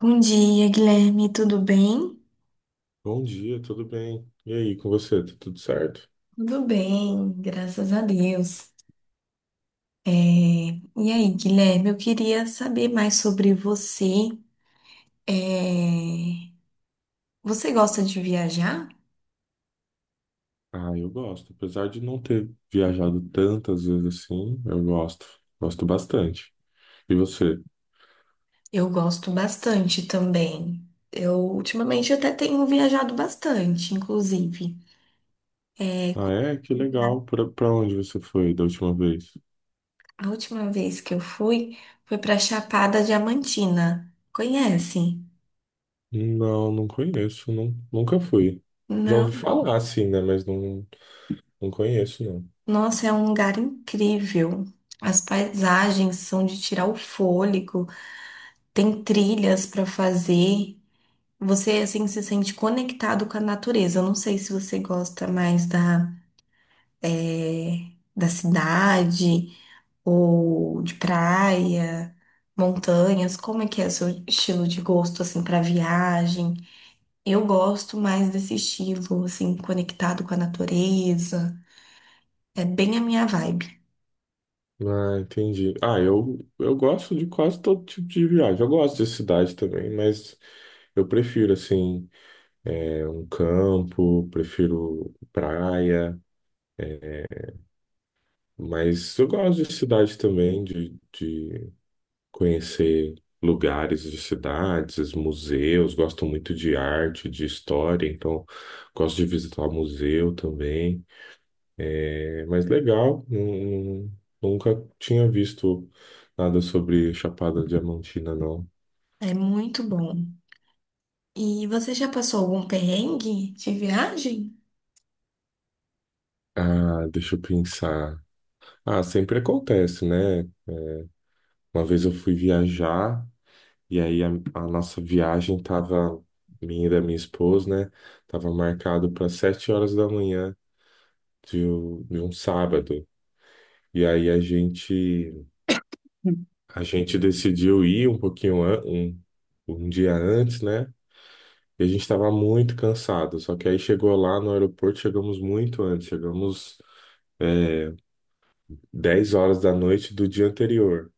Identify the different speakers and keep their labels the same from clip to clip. Speaker 1: Bom dia, Guilherme, tudo bem?
Speaker 2: Bom dia, tudo bem? E aí, com você, tá tudo certo?
Speaker 1: Tudo bem, graças a Deus. E aí, Guilherme, eu queria saber mais sobre você. É, Você gosta de viajar?
Speaker 2: Ah, eu gosto. Apesar de não ter viajado tantas vezes assim, eu gosto. Gosto bastante. E você?
Speaker 1: Eu gosto bastante também. Eu ultimamente até tenho viajado bastante, inclusive. É,
Speaker 2: Ah,
Speaker 1: qual
Speaker 2: é? Que legal. Pra onde você foi da última vez?
Speaker 1: A última vez que eu fui foi para Chapada Diamantina. Conhece?
Speaker 2: Não, não conheço. Não, nunca fui. Já ouvi
Speaker 1: Não.
Speaker 2: falar, assim, né? Mas não, não conheço, não.
Speaker 1: Nossa, é um lugar incrível. As paisagens são de tirar o fôlego, tem trilhas para fazer. Você assim se sente conectado com a natureza. Eu não sei se você gosta mais da cidade ou de praia, montanhas. Como é que é o seu estilo de gosto assim para viagem? Eu gosto mais desse estilo assim conectado com a natureza. É bem a minha vibe.
Speaker 2: Ah, entendi. Ah, eu gosto de quase todo tipo de viagem. Eu gosto de cidade também, mas eu prefiro, assim. Um campo, prefiro praia, é, mas eu gosto de cidade também, de conhecer lugares de cidades, museus, gosto muito de arte, de história, então gosto de visitar museu também. É, mas legal, nunca tinha visto nada sobre Chapada Diamantina, não.
Speaker 1: É muito bom. E você já passou algum perrengue de viagem?
Speaker 2: Ah, deixa eu pensar. Ah, sempre acontece, né? É, Uma vez eu fui viajar. E aí a nossa viagem tava, minha e da minha esposa, né? Tava marcado para 7 horas da manhã de um sábado. E aí a gente decidiu ir um pouquinho um dia antes, né? E a gente estava muito cansado. Só que aí chegou lá no aeroporto, chegamos muito antes, chegamos é, 10 horas da noite do dia anterior.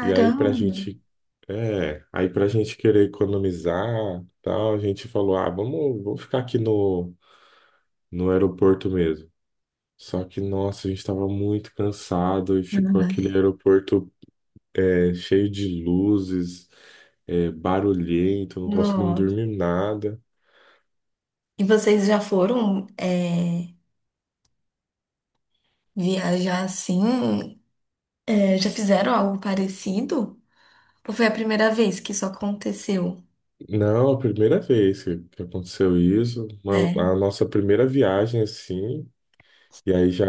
Speaker 2: E aí pra gente querer economizar, tal, a gente falou, ah, vamos, vamos ficar aqui no aeroporto mesmo. Só que, nossa, a gente estava muito cansado e ficou
Speaker 1: Ai,
Speaker 2: aquele aeroporto cheio de luzes, barulhento, não conseguimos
Speaker 1: não.
Speaker 2: dormir nada.
Speaker 1: E vocês já foram viajar assim? É, já fizeram algo parecido? Ou foi a primeira vez que isso aconteceu?
Speaker 2: Não, a primeira vez que aconteceu isso,
Speaker 1: É.
Speaker 2: a nossa primeira viagem assim, e aí já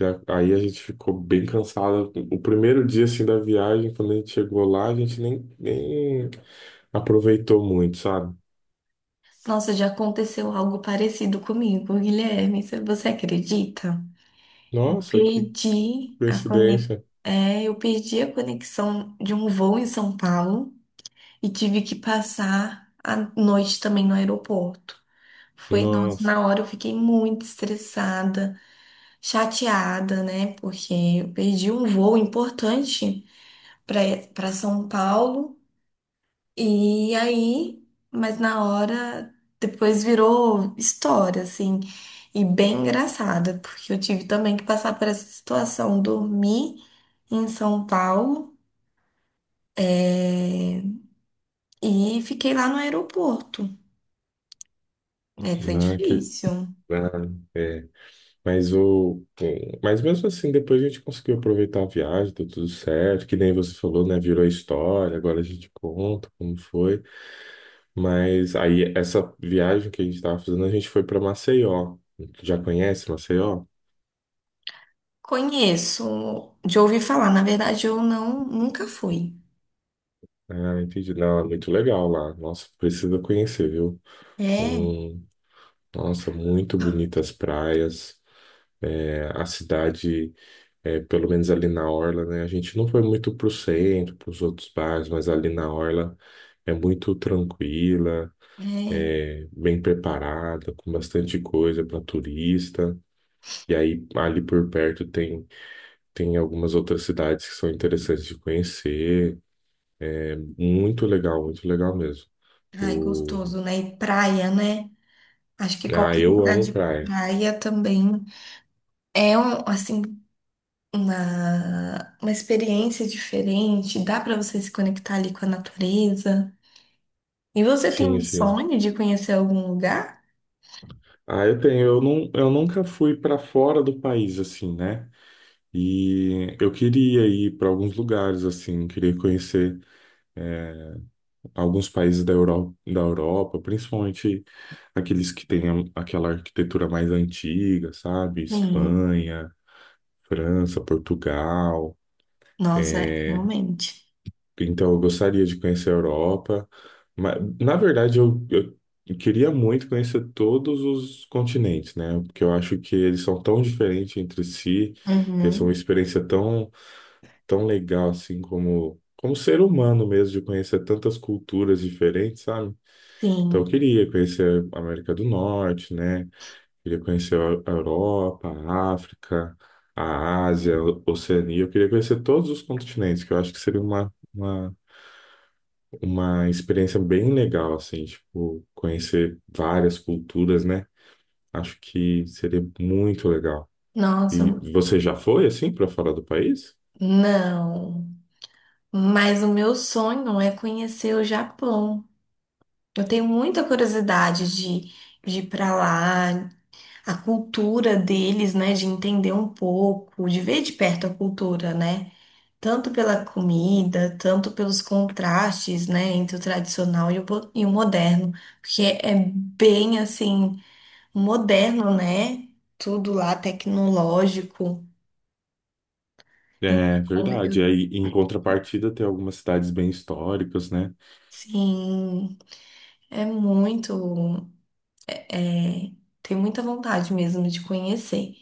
Speaker 2: Aí a gente ficou bem cansado. O primeiro dia assim da viagem, quando a gente chegou lá, a gente nem aproveitou muito, sabe?
Speaker 1: Nossa, já aconteceu algo parecido comigo, Guilherme. Você acredita? Eu
Speaker 2: Nossa, que
Speaker 1: perdi a conex.
Speaker 2: coincidência.
Speaker 1: É, eu perdi a conexão de um voo em São Paulo e tive que passar a noite também no aeroporto. Foi, nossa,
Speaker 2: Nossa,
Speaker 1: na hora eu fiquei muito estressada, chateada, né? Porque eu perdi um voo importante para para São Paulo. E aí, mas na hora depois virou história, assim, e bem engraçada, porque eu tive também que passar por essa situação, dormi em São Paulo, eh, e fiquei lá no aeroporto. É, foi
Speaker 2: né, que
Speaker 1: difícil.
Speaker 2: ah, é. Mas o mas mesmo assim, depois a gente conseguiu aproveitar a viagem, deu tudo certo, que nem você falou, né? Virou história, agora a gente conta como foi. Mas aí essa viagem que a gente estava fazendo, a gente foi para Maceió. Já conhece Maceió?
Speaker 1: Conheço, de ouvir falar. Na verdade, eu não, nunca fui.
Speaker 2: Ah, entendi. Não, é muito legal lá. Nossa, precisa conhecer, viu?
Speaker 1: É,
Speaker 2: Hum, nossa, muito bonitas praias. É, a cidade, pelo menos ali na Orla, né? A gente não foi muito pro centro, pros outros bairros, mas ali na Orla é muito tranquila,
Speaker 1: é.
Speaker 2: bem preparada, com bastante coisa para turista. E aí, ali por perto tem, algumas outras cidades que são interessantes de conhecer. Muito legal mesmo.
Speaker 1: Ai, gostoso, né? E praia, né? Acho que
Speaker 2: Ah,
Speaker 1: qualquer
Speaker 2: eu
Speaker 1: lugar
Speaker 2: amo
Speaker 1: de
Speaker 2: praia.
Speaker 1: praia também é um, assim, uma experiência diferente. Dá para você se conectar ali com a natureza. E você tem
Speaker 2: Sim,
Speaker 1: um
Speaker 2: sim.
Speaker 1: sonho de conhecer algum lugar?
Speaker 2: Ah, eu tenho. Eu, não, eu nunca fui para fora do país, assim, né? E eu queria ir para alguns lugares, assim, queria conhecer eh, alguns países da Europa, principalmente aqueles que têm aquela arquitetura mais antiga, sabe?
Speaker 1: Sim.
Speaker 2: Espanha, França, Portugal.
Speaker 1: Nossa, realmente.
Speaker 2: Então, eu gostaria de conhecer a Europa. Mas, na verdade, eu queria muito conhecer todos os continentes, né? Porque eu acho que eles são tão diferentes entre si, e essa é uma
Speaker 1: Uhum.
Speaker 2: experiência tão, tão legal, assim, como, como ser humano mesmo, de conhecer tantas culturas diferentes, sabe? Então, eu
Speaker 1: Sim.
Speaker 2: queria conhecer a América do Norte, né? Queria conhecer a Europa, a África, a Ásia, a Oceania. Eu queria conhecer todos os continentes, que eu acho que seria uma experiência bem legal, assim, tipo, conhecer várias culturas, né? Acho que seria muito legal.
Speaker 1: Nossa,
Speaker 2: E você já foi, assim, para fora do país?
Speaker 1: não. Mas o meu sonho é conhecer o Japão. Eu tenho muita curiosidade de ir para lá, a cultura deles, né? De entender um pouco, de ver de perto a cultura, né? Tanto pela comida, tanto pelos contrastes, né? Entre o tradicional e e o moderno. Porque é bem assim, moderno, né? Tudo lá tecnológico.
Speaker 2: É
Speaker 1: Então, eu
Speaker 2: verdade. Aí, em contrapartida, tem algumas cidades bem históricas, né?
Speaker 1: sim, é muito. É, tenho muita vontade mesmo de conhecer.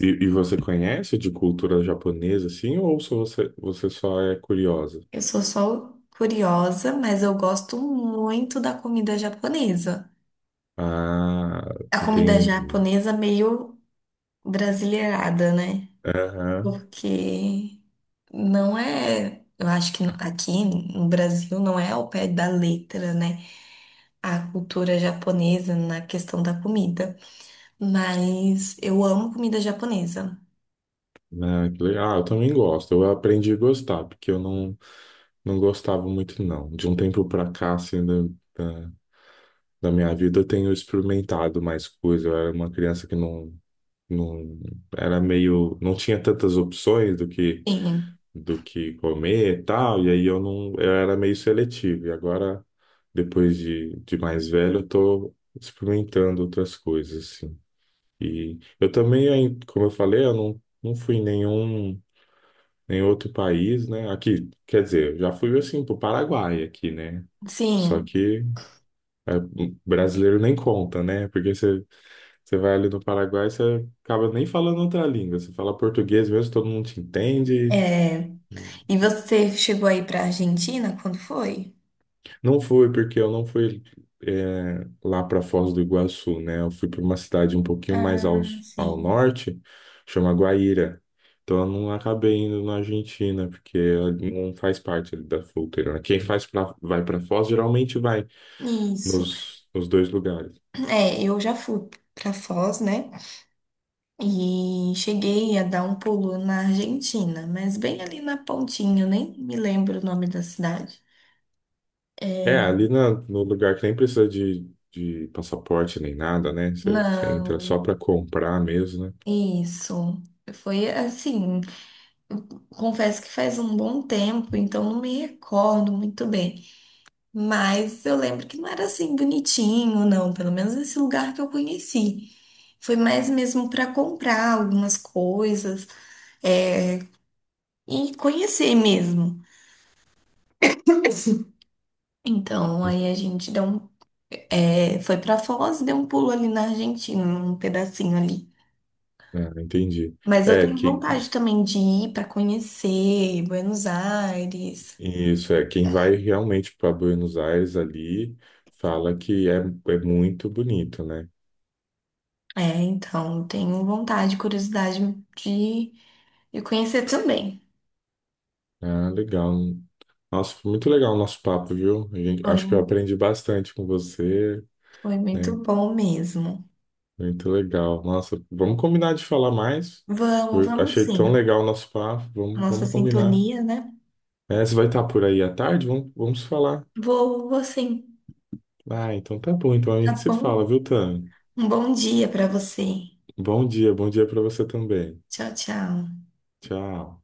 Speaker 2: E você conhece de cultura japonesa, assim, ou só você, você só é curiosa?
Speaker 1: Eu sou só curiosa, mas eu gosto muito da comida japonesa.
Speaker 2: Ah,
Speaker 1: A comida
Speaker 2: entendi.
Speaker 1: japonesa meio brasileirada, né?
Speaker 2: Aham.
Speaker 1: Porque não é. Eu acho que aqui no Brasil não é ao pé da letra, né? A cultura japonesa na questão da comida. Mas eu amo comida japonesa.
Speaker 2: Ah, que legal. Ah, eu também gosto. Eu aprendi a gostar, porque eu não. Não gostava muito, não. De um tempo pra cá, assim, da, da minha vida, eu tenho experimentado mais coisas. Eu era uma criança que não, não era meio, não tinha tantas opções do que
Speaker 1: Sim,
Speaker 2: comer e tal. E aí eu não, eu era meio seletivo. E agora, depois de mais velho, eu tô experimentando outras coisas, assim. E eu também, aí, como eu falei, eu não fui nenhum em outro país, né? Aqui, quer dizer, eu já fui assim pro Paraguai aqui, né? Só
Speaker 1: sim.
Speaker 2: que o brasileiro nem conta, né? Porque você vai ali no Paraguai, você acaba nem falando outra língua. Você fala português mesmo, todo mundo te entende.
Speaker 1: É. E você chegou aí pra Argentina quando foi?
Speaker 2: Não foi, porque eu não fui lá para Foz do Iguaçu, né? Eu fui para uma cidade um pouquinho mais ao,
Speaker 1: Ah,
Speaker 2: ao
Speaker 1: sim.
Speaker 2: norte, chama Guaíra. Então eu não acabei indo na Argentina, porque não faz parte ali da fronteira, né? Quem faz vai para Foz geralmente vai
Speaker 1: Isso.
Speaker 2: nos dois lugares.
Speaker 1: É, eu já fui pra Foz, né? E cheguei a dar um pulo na Argentina, mas bem ali na pontinha, eu nem me lembro o nome da cidade.
Speaker 2: É, ali no lugar que nem precisa de passaporte nem nada, né? Você entra
Speaker 1: Não,
Speaker 2: só para comprar mesmo, né?
Speaker 1: isso. Foi assim, confesso que faz um bom tempo, então não me recordo muito bem. Mas eu lembro que não era assim bonitinho, não. Pelo menos esse lugar que eu conheci. Foi mais mesmo para comprar algumas coisas, é, e conhecer mesmo. Então, aí a gente deu um, é, foi para Foz, deu um pulo ali na Argentina, um pedacinho ali.
Speaker 2: É, entendi.
Speaker 1: Mas eu
Speaker 2: É,
Speaker 1: tenho
Speaker 2: que
Speaker 1: vontade também de ir para conhecer Buenos Aires.
Speaker 2: Isso é, quem vai realmente para Buenos Aires ali fala que é muito bonito, né?
Speaker 1: É, então, tenho vontade, curiosidade de, de conhecer também.
Speaker 2: Ah, legal. Nossa, foi muito legal o nosso papo, viu? Acho que eu aprendi bastante com você,
Speaker 1: Foi muito
Speaker 2: né?
Speaker 1: bom mesmo.
Speaker 2: Muito legal. Nossa, vamos combinar de falar mais.
Speaker 1: Vamos, vamos
Speaker 2: Achei tão
Speaker 1: sim.
Speaker 2: legal o nosso papo. Vamos,
Speaker 1: Nossa
Speaker 2: vamos combinar.
Speaker 1: sintonia, né?
Speaker 2: É, você vai estar por aí à tarde? Vamos, vamos falar.
Speaker 1: Vou, vou sim.
Speaker 2: Ah, então tá bom. Então a
Speaker 1: Tá
Speaker 2: gente se
Speaker 1: bom?
Speaker 2: fala, viu, Tan?
Speaker 1: Um bom dia para você.
Speaker 2: Bom dia para você também.
Speaker 1: Tchau, tchau.
Speaker 2: Tchau.